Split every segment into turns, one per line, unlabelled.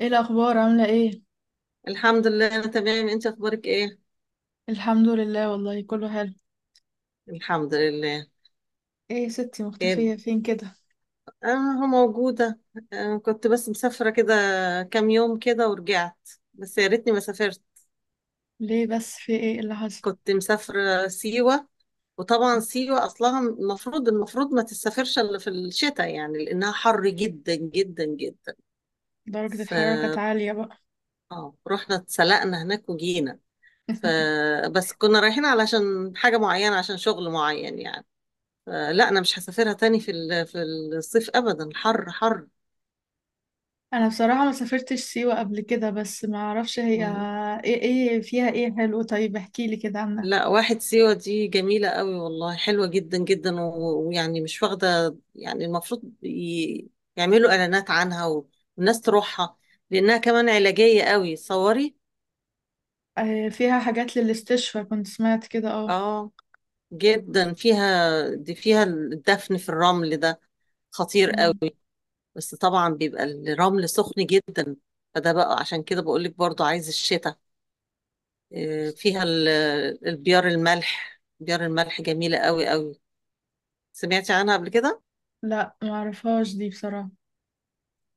ايه الاخبار؟ عامله ايه؟
الحمد لله انا تمام. انت اخبارك ايه؟
الحمد لله، والله كله حلو.
الحمد لله.
ايه يا ستي،
كده
مختفيه فين كده؟
انا موجوده. كنت بس مسافره كده كام يوم كده ورجعت، بس يا ريتني ما سافرت.
ليه بس؟ في ايه اللي حصل؟
كنت مسافره سيوه، وطبعا سيوه اصلها المفروض ما تسافرش الا في الشتاء، يعني لانها حر جدا جدا جدا.
درجه
ف
الحراره كانت عاليه بقى؟
اه رحنا اتسلقنا هناك وجينا. فبس كنا رايحين علشان حاجه معينه، عشان شغل معين يعني. لا انا مش هسافرها تاني في الصيف ابدا، حر حر.
انا بصراحه ما سافرتش سيوه قبل كده، بس ما اعرفش هي
مم.
ايه. ايه فيها؟ ايه حلو؟ طيب احكي لي كده عنها.
لا واحد، سيوة دي جميلة قوي والله، حلوة جدا جدا ويعني مش واخدة، يعني المفروض يعملوا اعلانات عنها والناس تروحها، لانها كمان علاجية قوي صوري.
آه، فيها حاجات للاستشفى، كنت سمعت كده. اه.
اه جدا فيها. دي فيها الدفن في الرمل ده، خطير قوي.
مم.
بس طبعا بيبقى الرمل سخن جدا، فده بقى عشان كده بقول لك، برضو عايز الشتاء. آه، فيها ال- البيار الملح، بيار الملح جميلة قوي قوي. سمعتي عنها قبل كده؟
لا، ما اعرفهاش دي بصراحه.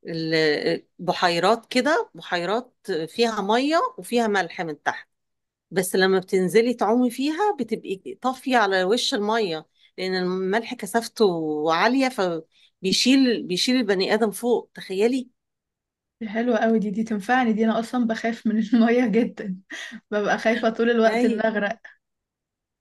بحيرات كده، بحيرات فيها مية وفيها ملح من تحت، بس لما بتنزلي تعومي فيها بتبقي طافية على وش المية، لأن الملح كثافته عالية، فبيشيل البني آدم فوق، تخيلي.
دي حلوه قوي، دي تنفعني، دي انا اصلا بخاف من الميه جدا. ببقى خايفه طول الوقت ان
أي،
اغرق.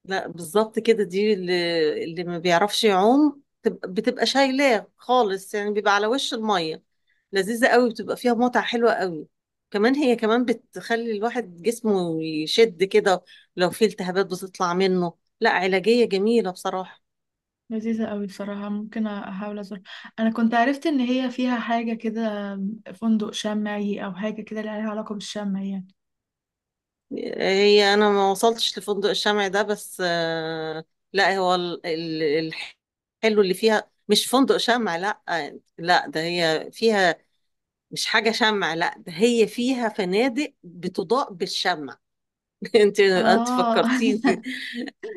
لا بالظبط كده، دي اللي ما بيعرفش يعوم بتبقى شايلاه خالص، يعني بيبقى على وش المية. لذيذة قوي، بتبقى فيها متعة حلوة قوي. كمان هي كمان بتخلي الواحد جسمه يشد كده، لو في التهابات بتطلع منه. لا علاجية جميلة بصراحة.
لذيذة قوي بصراحة، ممكن أحاول أزور. أنا كنت عرفت إن هي فيها حاجة كده، فندق شمعي أو حاجة كده لها علاقة بالشمع يعني.
هي أنا ما وصلتش لفندق الشمع ده، بس لا هو الحلو اللي فيها مش فندق شمع لا، لا ده هي فيها. مش حاجة شمع، لا ده هي فيها فنادق بتضاء بالشمع. انت
آه.
فكرتيني.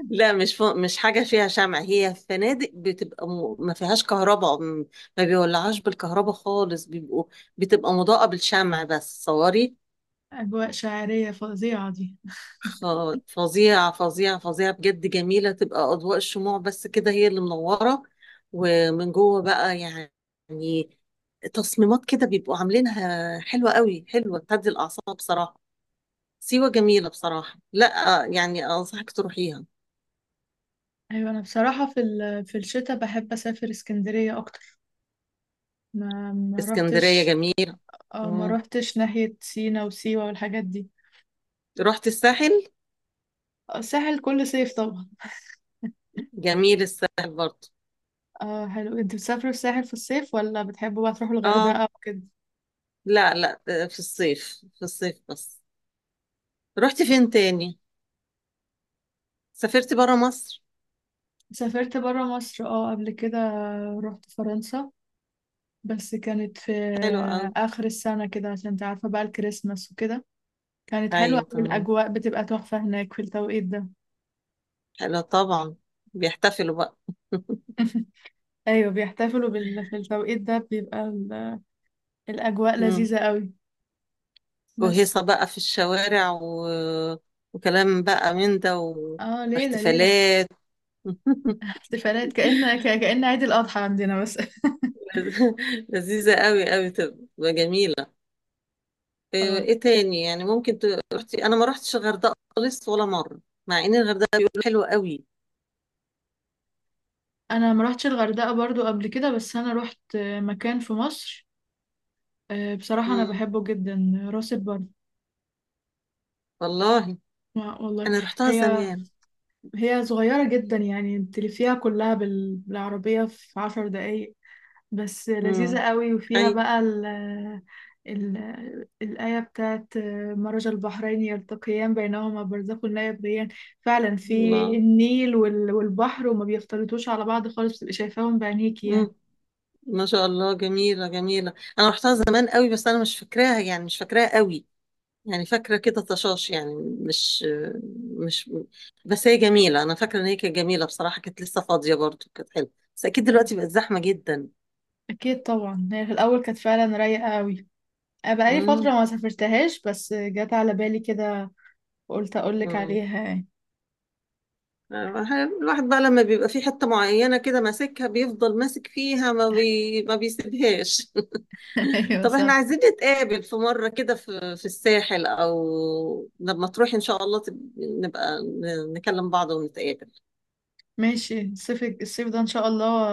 لا مش حاجه فيها شمع، هي فنادق بتبقى ما فيهاش كهرباء، ما بيولعوش بالكهرباء خالص، بيبقوا بتبقى مضاءه بالشمع بس صوري.
أجواء شاعرية فظيعة دي.
خ... فظيعه بجد، جميله تبقى اضواء الشموع بس كده هي اللي منوره، ومن جوه بقى يعني تصميمات كده بيبقوا عاملينها حلوه قوي، حلوه تهدي الاعصاب بصراحه. سيوه جميله بصراحه، لا يعني انصحك تروحيها.
أيوة، أنا بصراحة في الشتاء بحب أسافر اسكندرية أكتر. ما
اسكندرية
روحتش.
جميلة.
آه، ما
مم.
روحتش ناحية سينا وسيوة والحاجات دي.
رحت الساحل.
آه، الساحل كل صيف طبعا.
جميل الساحل برضه.
آه حلو. أنت بتسافروا الساحل في الصيف، ولا بتحبوا بقى تروحوا
اه،
الغردقة وكده؟
لا لا، في الصيف في الصيف بس. رحت فين تاني؟ سافرت برا مصر.
سافرت برا مصر اه قبل كده. رحت فرنسا، بس كانت في
حلو قوي.
آخر السنة كده، عشان انت عارفة بقى الكريسماس وكده. كانت حلوة
ايوه
أوي،
تمام،
الأجواء بتبقى تحفة هناك في التوقيت ده.
حلو طبعا. بيحتفلوا بقى.
أيوة، بيحتفلوا في التوقيت ده بيبقى الأجواء
مم.
لذيذة قوي. بس
وهيصة بقى في الشوارع وكلام بقى من ده
اه، ليلة ليلة.
واحتفالات.
احتفالات، كأن عيد الأضحى عندنا بس.
لذيذة قوي قوي، تبقى جميلة. ايه
اه.
إيه تاني يعني ممكن رحتي؟ انا ما رحتش الغردقه خالص ولا مره، مع ان الغردقه بيقولوا حلوه قوي.
أنا ما روحتش الغردقة برضو قبل كده، بس أنا روحت مكان في مصر. آه، بصراحة أنا
امم،
بحبه جدا: راس البر.
والله.
والله.
انا رحتها
هي
زمان.
هي صغيرة جدا، يعني تلفيها كلها بالعربية في 10 دقايق. بس
امم،
لذيذة قوي،
اي.
وفيها بقى ال ال الآية بتاعت مرج البحرين يلتقيان بينهما برزخ لا يبغيان. فعلا في
الله.
النيل والبحر، وما بيختلطوش على بعض خالص، بتبقي شايفاهم بعينيكي يعني.
امم، ما شاء الله، جميله جميله. انا رحتها زمان قوي، بس انا مش فاكراها، يعني مش فاكراها قوي، يعني فاكره كده طشاش يعني. مش مش بس هي جميله، انا فاكره ان هي كانت جميله بصراحه، كانت لسه فاضيه برضو، كانت حلوه، بس اكيد
أيوة.
دلوقتي بقت زحمه جدا.
أكيد طبعا. هي في الأول كانت فعلا رايقة قوي. أنا بقالي فترة
امم.
ما سافرتهاش، بس جت على بالي كده، وقلت أقولك عليها يعني.
الواحد بقى لما بيبقى في حتة معينة كده ماسكها، بيفضل ماسك فيها ما بيسيبهاش.
ايوه،
طب احنا
صح.
عايزين نتقابل في مرة كده في الساحل، او لما تروحي ان شاء الله نبقى نكلم بعض ونتقابل.
ماشي. الصيف ده ان شاء الله،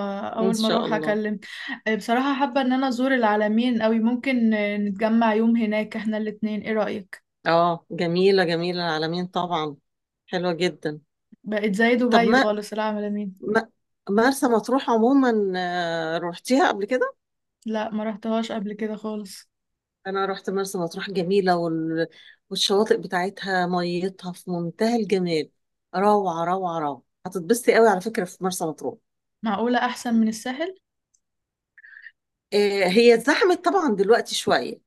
ان
اول ما
شاء
اروح
الله.
اكلم. آه، بصراحة حابة ان انا ازور العلمين قوي. ممكن نتجمع يوم هناك احنا الاتنين، ايه رأيك؟
اه جميلة جميلة العالمين طبعا، حلوة جدا.
بقت زي
طب
دبي
ما
خالص العلمين.
ما مرسى مطروح عموما روحتيها قبل كده؟
لا، ما رحتهاش قبل كده خالص.
انا رحت مرسى مطروح، جميله والشواطئ بتاعتها، ميتها في منتهى الجمال، روعه روعه روعه، هتتبسطي قوي على فكره في مرسى مطروح.
معقولة احسن من الساحل؟
هي اتزحمت طبعا دلوقتي شويه،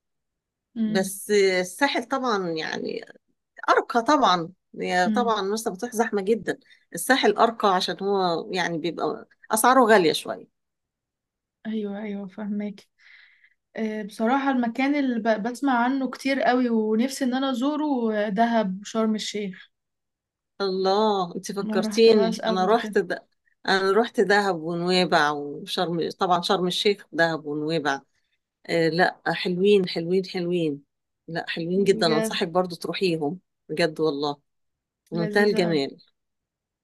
امم.
بس الساحل طبعا يعني ارقى طبعا. هي
امم.
طبعا مرسى مطروح زحمه جدا، الساحل ارقى عشان هو يعني بيبقى اسعاره غاليه شويه.
ايوه، ايوه، فهمك. آه، بصراحة المكان اللي بسمع عنه كتير قوي ونفسي ان انا ازوره، آه، دهب وشرم الشيخ.
الله انت
ما رحتهاش
فكرتيني، انا
قبل كده.
رحت ده. انا رحت دهب ونويبع وشرم، طبعا شرم الشيخ دهب ونويبع، آه لا حلوين حلوين حلوين، لا حلوين جدا،
بجد؟
انصحك برضو تروحيهم. بجد والله، في منتهى
لذيذة.
الجمال.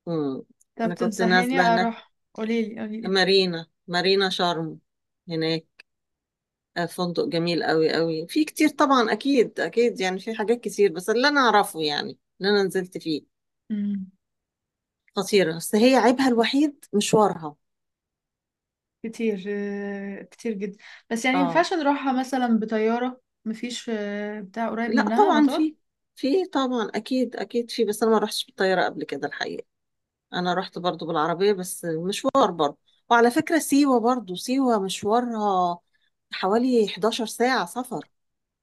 مم.
طب
انا كنت
تنصحيني
نازله هناك
اروح، قوليلي قوليلي.
مارينا، مارينا شرم هناك. آه فندق جميل قوي قوي، في كتير طبعا اكيد اكيد يعني، في حاجات كتير، بس اللي انا اعرفه يعني اللي انا نزلت فيه
امم.
خطيره، بس هي عيبها الوحيد مشوارها.
كتير، آه، كتير جدا. بس يعني
اه
مينفعش نروحها مثلا بطيارة؟ مفيش، آه، بتاع قريب
لا
منها
طبعا
مطار؟
في، في طبعا اكيد اكيد في، بس انا ما رحتش بالطياره قبل كده الحقيقه. انا رحت برضو بالعربية، بس مشوار برضو. وعلى فكرة سيوة برضو، سيوة مشوارها حوالي 11 ساعة سفر.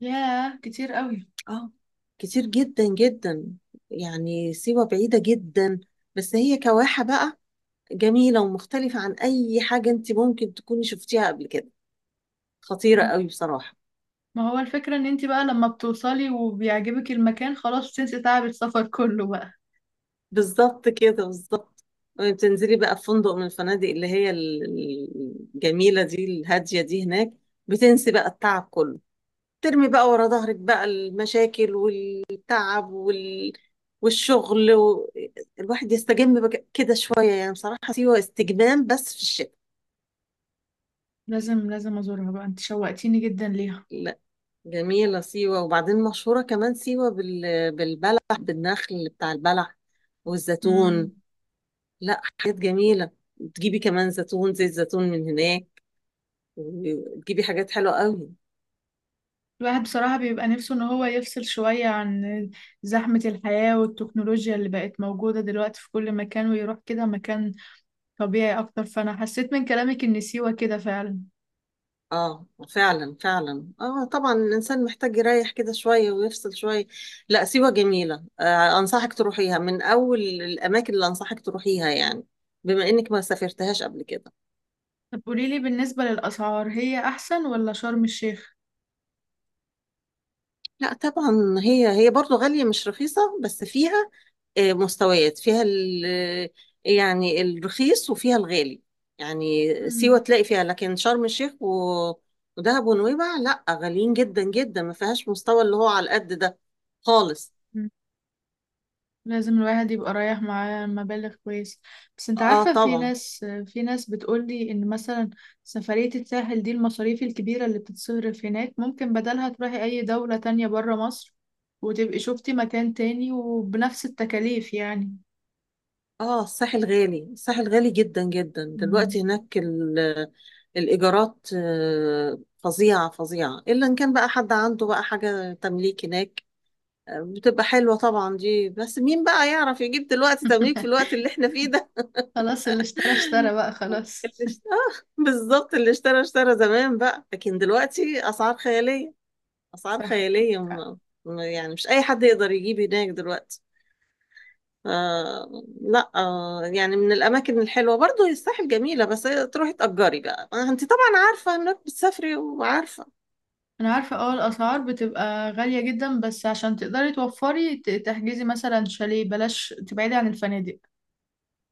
ياه، كتير قوي.
اه كتير جدا جدا، يعني سيوة بعيدة جدا. بس هي كواحة بقى، جميلة ومختلفة عن أي حاجة أنت ممكن تكوني شفتيها قبل كده، خطيرة
ما
قوي بصراحة.
ما هو الفكرة ان انتي بقى لما بتوصلي وبيعجبك المكان، خلاص بتنسي تعب السفر كله بقى.
بالظبط كده، بالظبط. بتنزلي بقى في فندق من الفنادق اللي الجميلة دي، الهادية دي هناك، بتنسي بقى التعب كله، ترمي بقى ورا ظهرك بقى المشاكل والتعب والشغل الواحد يستجم كده شوية، يعني بصراحة سيوة استجمام بس في الشتاء.
لازم لازم ازورها بقى، انت شوقتيني جدا ليها.
لا جميلة سيوة، وبعدين مشهورة كمان سيوة بالبلح، بالنخل بتاع البلح والزيتون.
امم.
لا حاجات جميلة، تجيبي كمان زيتون، زيت زيتون من هناك، وتجيبي حاجات حلوة قوي.
الواحد بصراحة بيبقى نفسه ان هو يفصل شوية عن زحمة الحياة والتكنولوجيا اللي بقت موجودة دلوقتي في كل مكان، ويروح كده مكان طبيعي أكتر. فأنا حسيت من كلامك إن سيوة كده فعلا.
اه فعلا فعلا، اه طبعا الانسان محتاج يريح كده شويه ويفصل شويه. لا سيوه جميله، آه انصحك تروحيها، من اول الاماكن اللي انصحك تروحيها يعني، بما انك ما سافرتهاش قبل كده.
طب قوليلي بالنسبة للأسعار، هي أحسن ولا شرم الشيخ؟
لا طبعا، هي هي برضو غاليه مش رخيصه، بس فيها آه مستويات، يعني الرخيص وفيها الغالي، يعني سيوه
مم.
تلاقي فيها، لكن شرم الشيخ ودهب ونويبع لا غاليين جدا جدا، ما فيهاش مستوى اللي هو على القد ده خالص.
مم. لازم الواحد يبقى رايح معاه مبالغ كويس. بس أنت
اه
عارفة، في
طبعا.
ناس في ناس بتقولي إن مثلا سفرية الساحل دي، المصاريف الكبيرة اللي بتتصرف هناك ممكن بدلها تروحي أي دولة تانية برا مصر، وتبقي شوفتي مكان تاني وبنفس التكاليف يعني.
اه الساحل غالي، الساحل غالي جدا جدا
مم.
دلوقتي هناك. الإيجارات فظيعة فظيعة، إلا إن كان بقى حد عنده بقى حاجة تمليك هناك. بتبقى حلوة طبعا دي، بس مين بقى يعرف يجيب دلوقتي تمليك في الوقت اللي احنا فيه ده.
خلاص، اللي اشترى اشترى بقى خلاص.
آه بالظبط، اللي اشترى اشترى زمان بقى، لكن دلوقتي أسعار خيالية، أسعار خيالية
صح.
م- يعني مش أي حد يقدر يجيب هناك دلوقتي. آه لا آه، يعني من الأماكن الحلوة برضو هي الساحل جميلة، بس هي تروحي تأجري بقى. أنت طبعا عارفة إنك بتسافري وعارفة.
انا عارفه، اه، الاسعار بتبقى غاليه جدا، بس عشان تقدري توفري تحجزي مثلا شاليه، بلاش تبعدي عن الفنادق.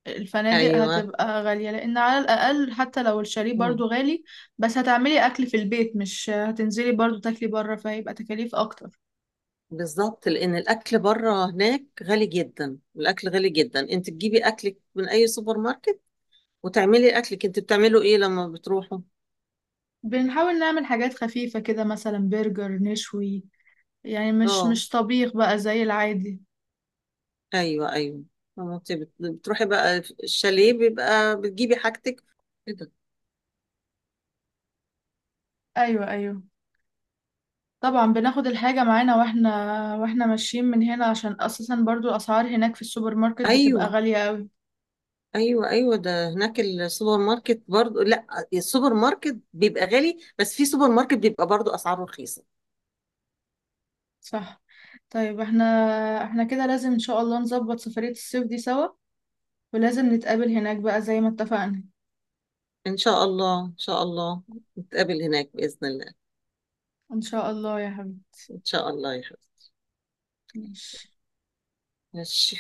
الفنادق
أيوه.
هتبقى غاليه، لان على الاقل حتى لو الشاليه برضو
مم.
غالي، بس هتعملي اكل في البيت، مش هتنزلي برضو تاكلي بره، فهيبقى تكاليف اكتر.
بالظبط، لأن الأكل بره هناك غالي جدا، الأكل غالي جدا. أنت تجيبي أكلك من أي سوبر ماركت وتعملي أكلك. أنت بتعمله إيه لما بتروحوا؟
بنحاول نعمل حاجات خفيفه كده، مثلا برجر نشوي، يعني مش
أه
مش طبيخ بقى زي العادي.
أيوه أيوه. أما أنت بتروحي بقى الشاليه بيبقى بتجيبي حاجتك كده.
ايوه، ايوه، طبعا بناخد الحاجة معانا، واحنا ماشيين من هنا، عشان اساسا برضو الاسعار هناك في السوبر ماركت بتبقى
أيوه
غالية قوي.
ايوه ايوه، ده هناك السوبر ماركت برضو، لا السوبر ماركت بيبقى غالي، بس في سوبر ماركت بيبقى برضو اسعاره رخيصه.
صح. طيب، احنا كده لازم ان شاء الله نظبط سفرية الصيف دي سوا، ولازم نتقابل هناك بقى زي ما اتفقنا.
ان شاء الله ان شاء الله، نتقابل هناك باذن الله.
ان شاء الله يا حبيبي.
ان شاء الله يا حبيبي.
ماشي.
ماشي.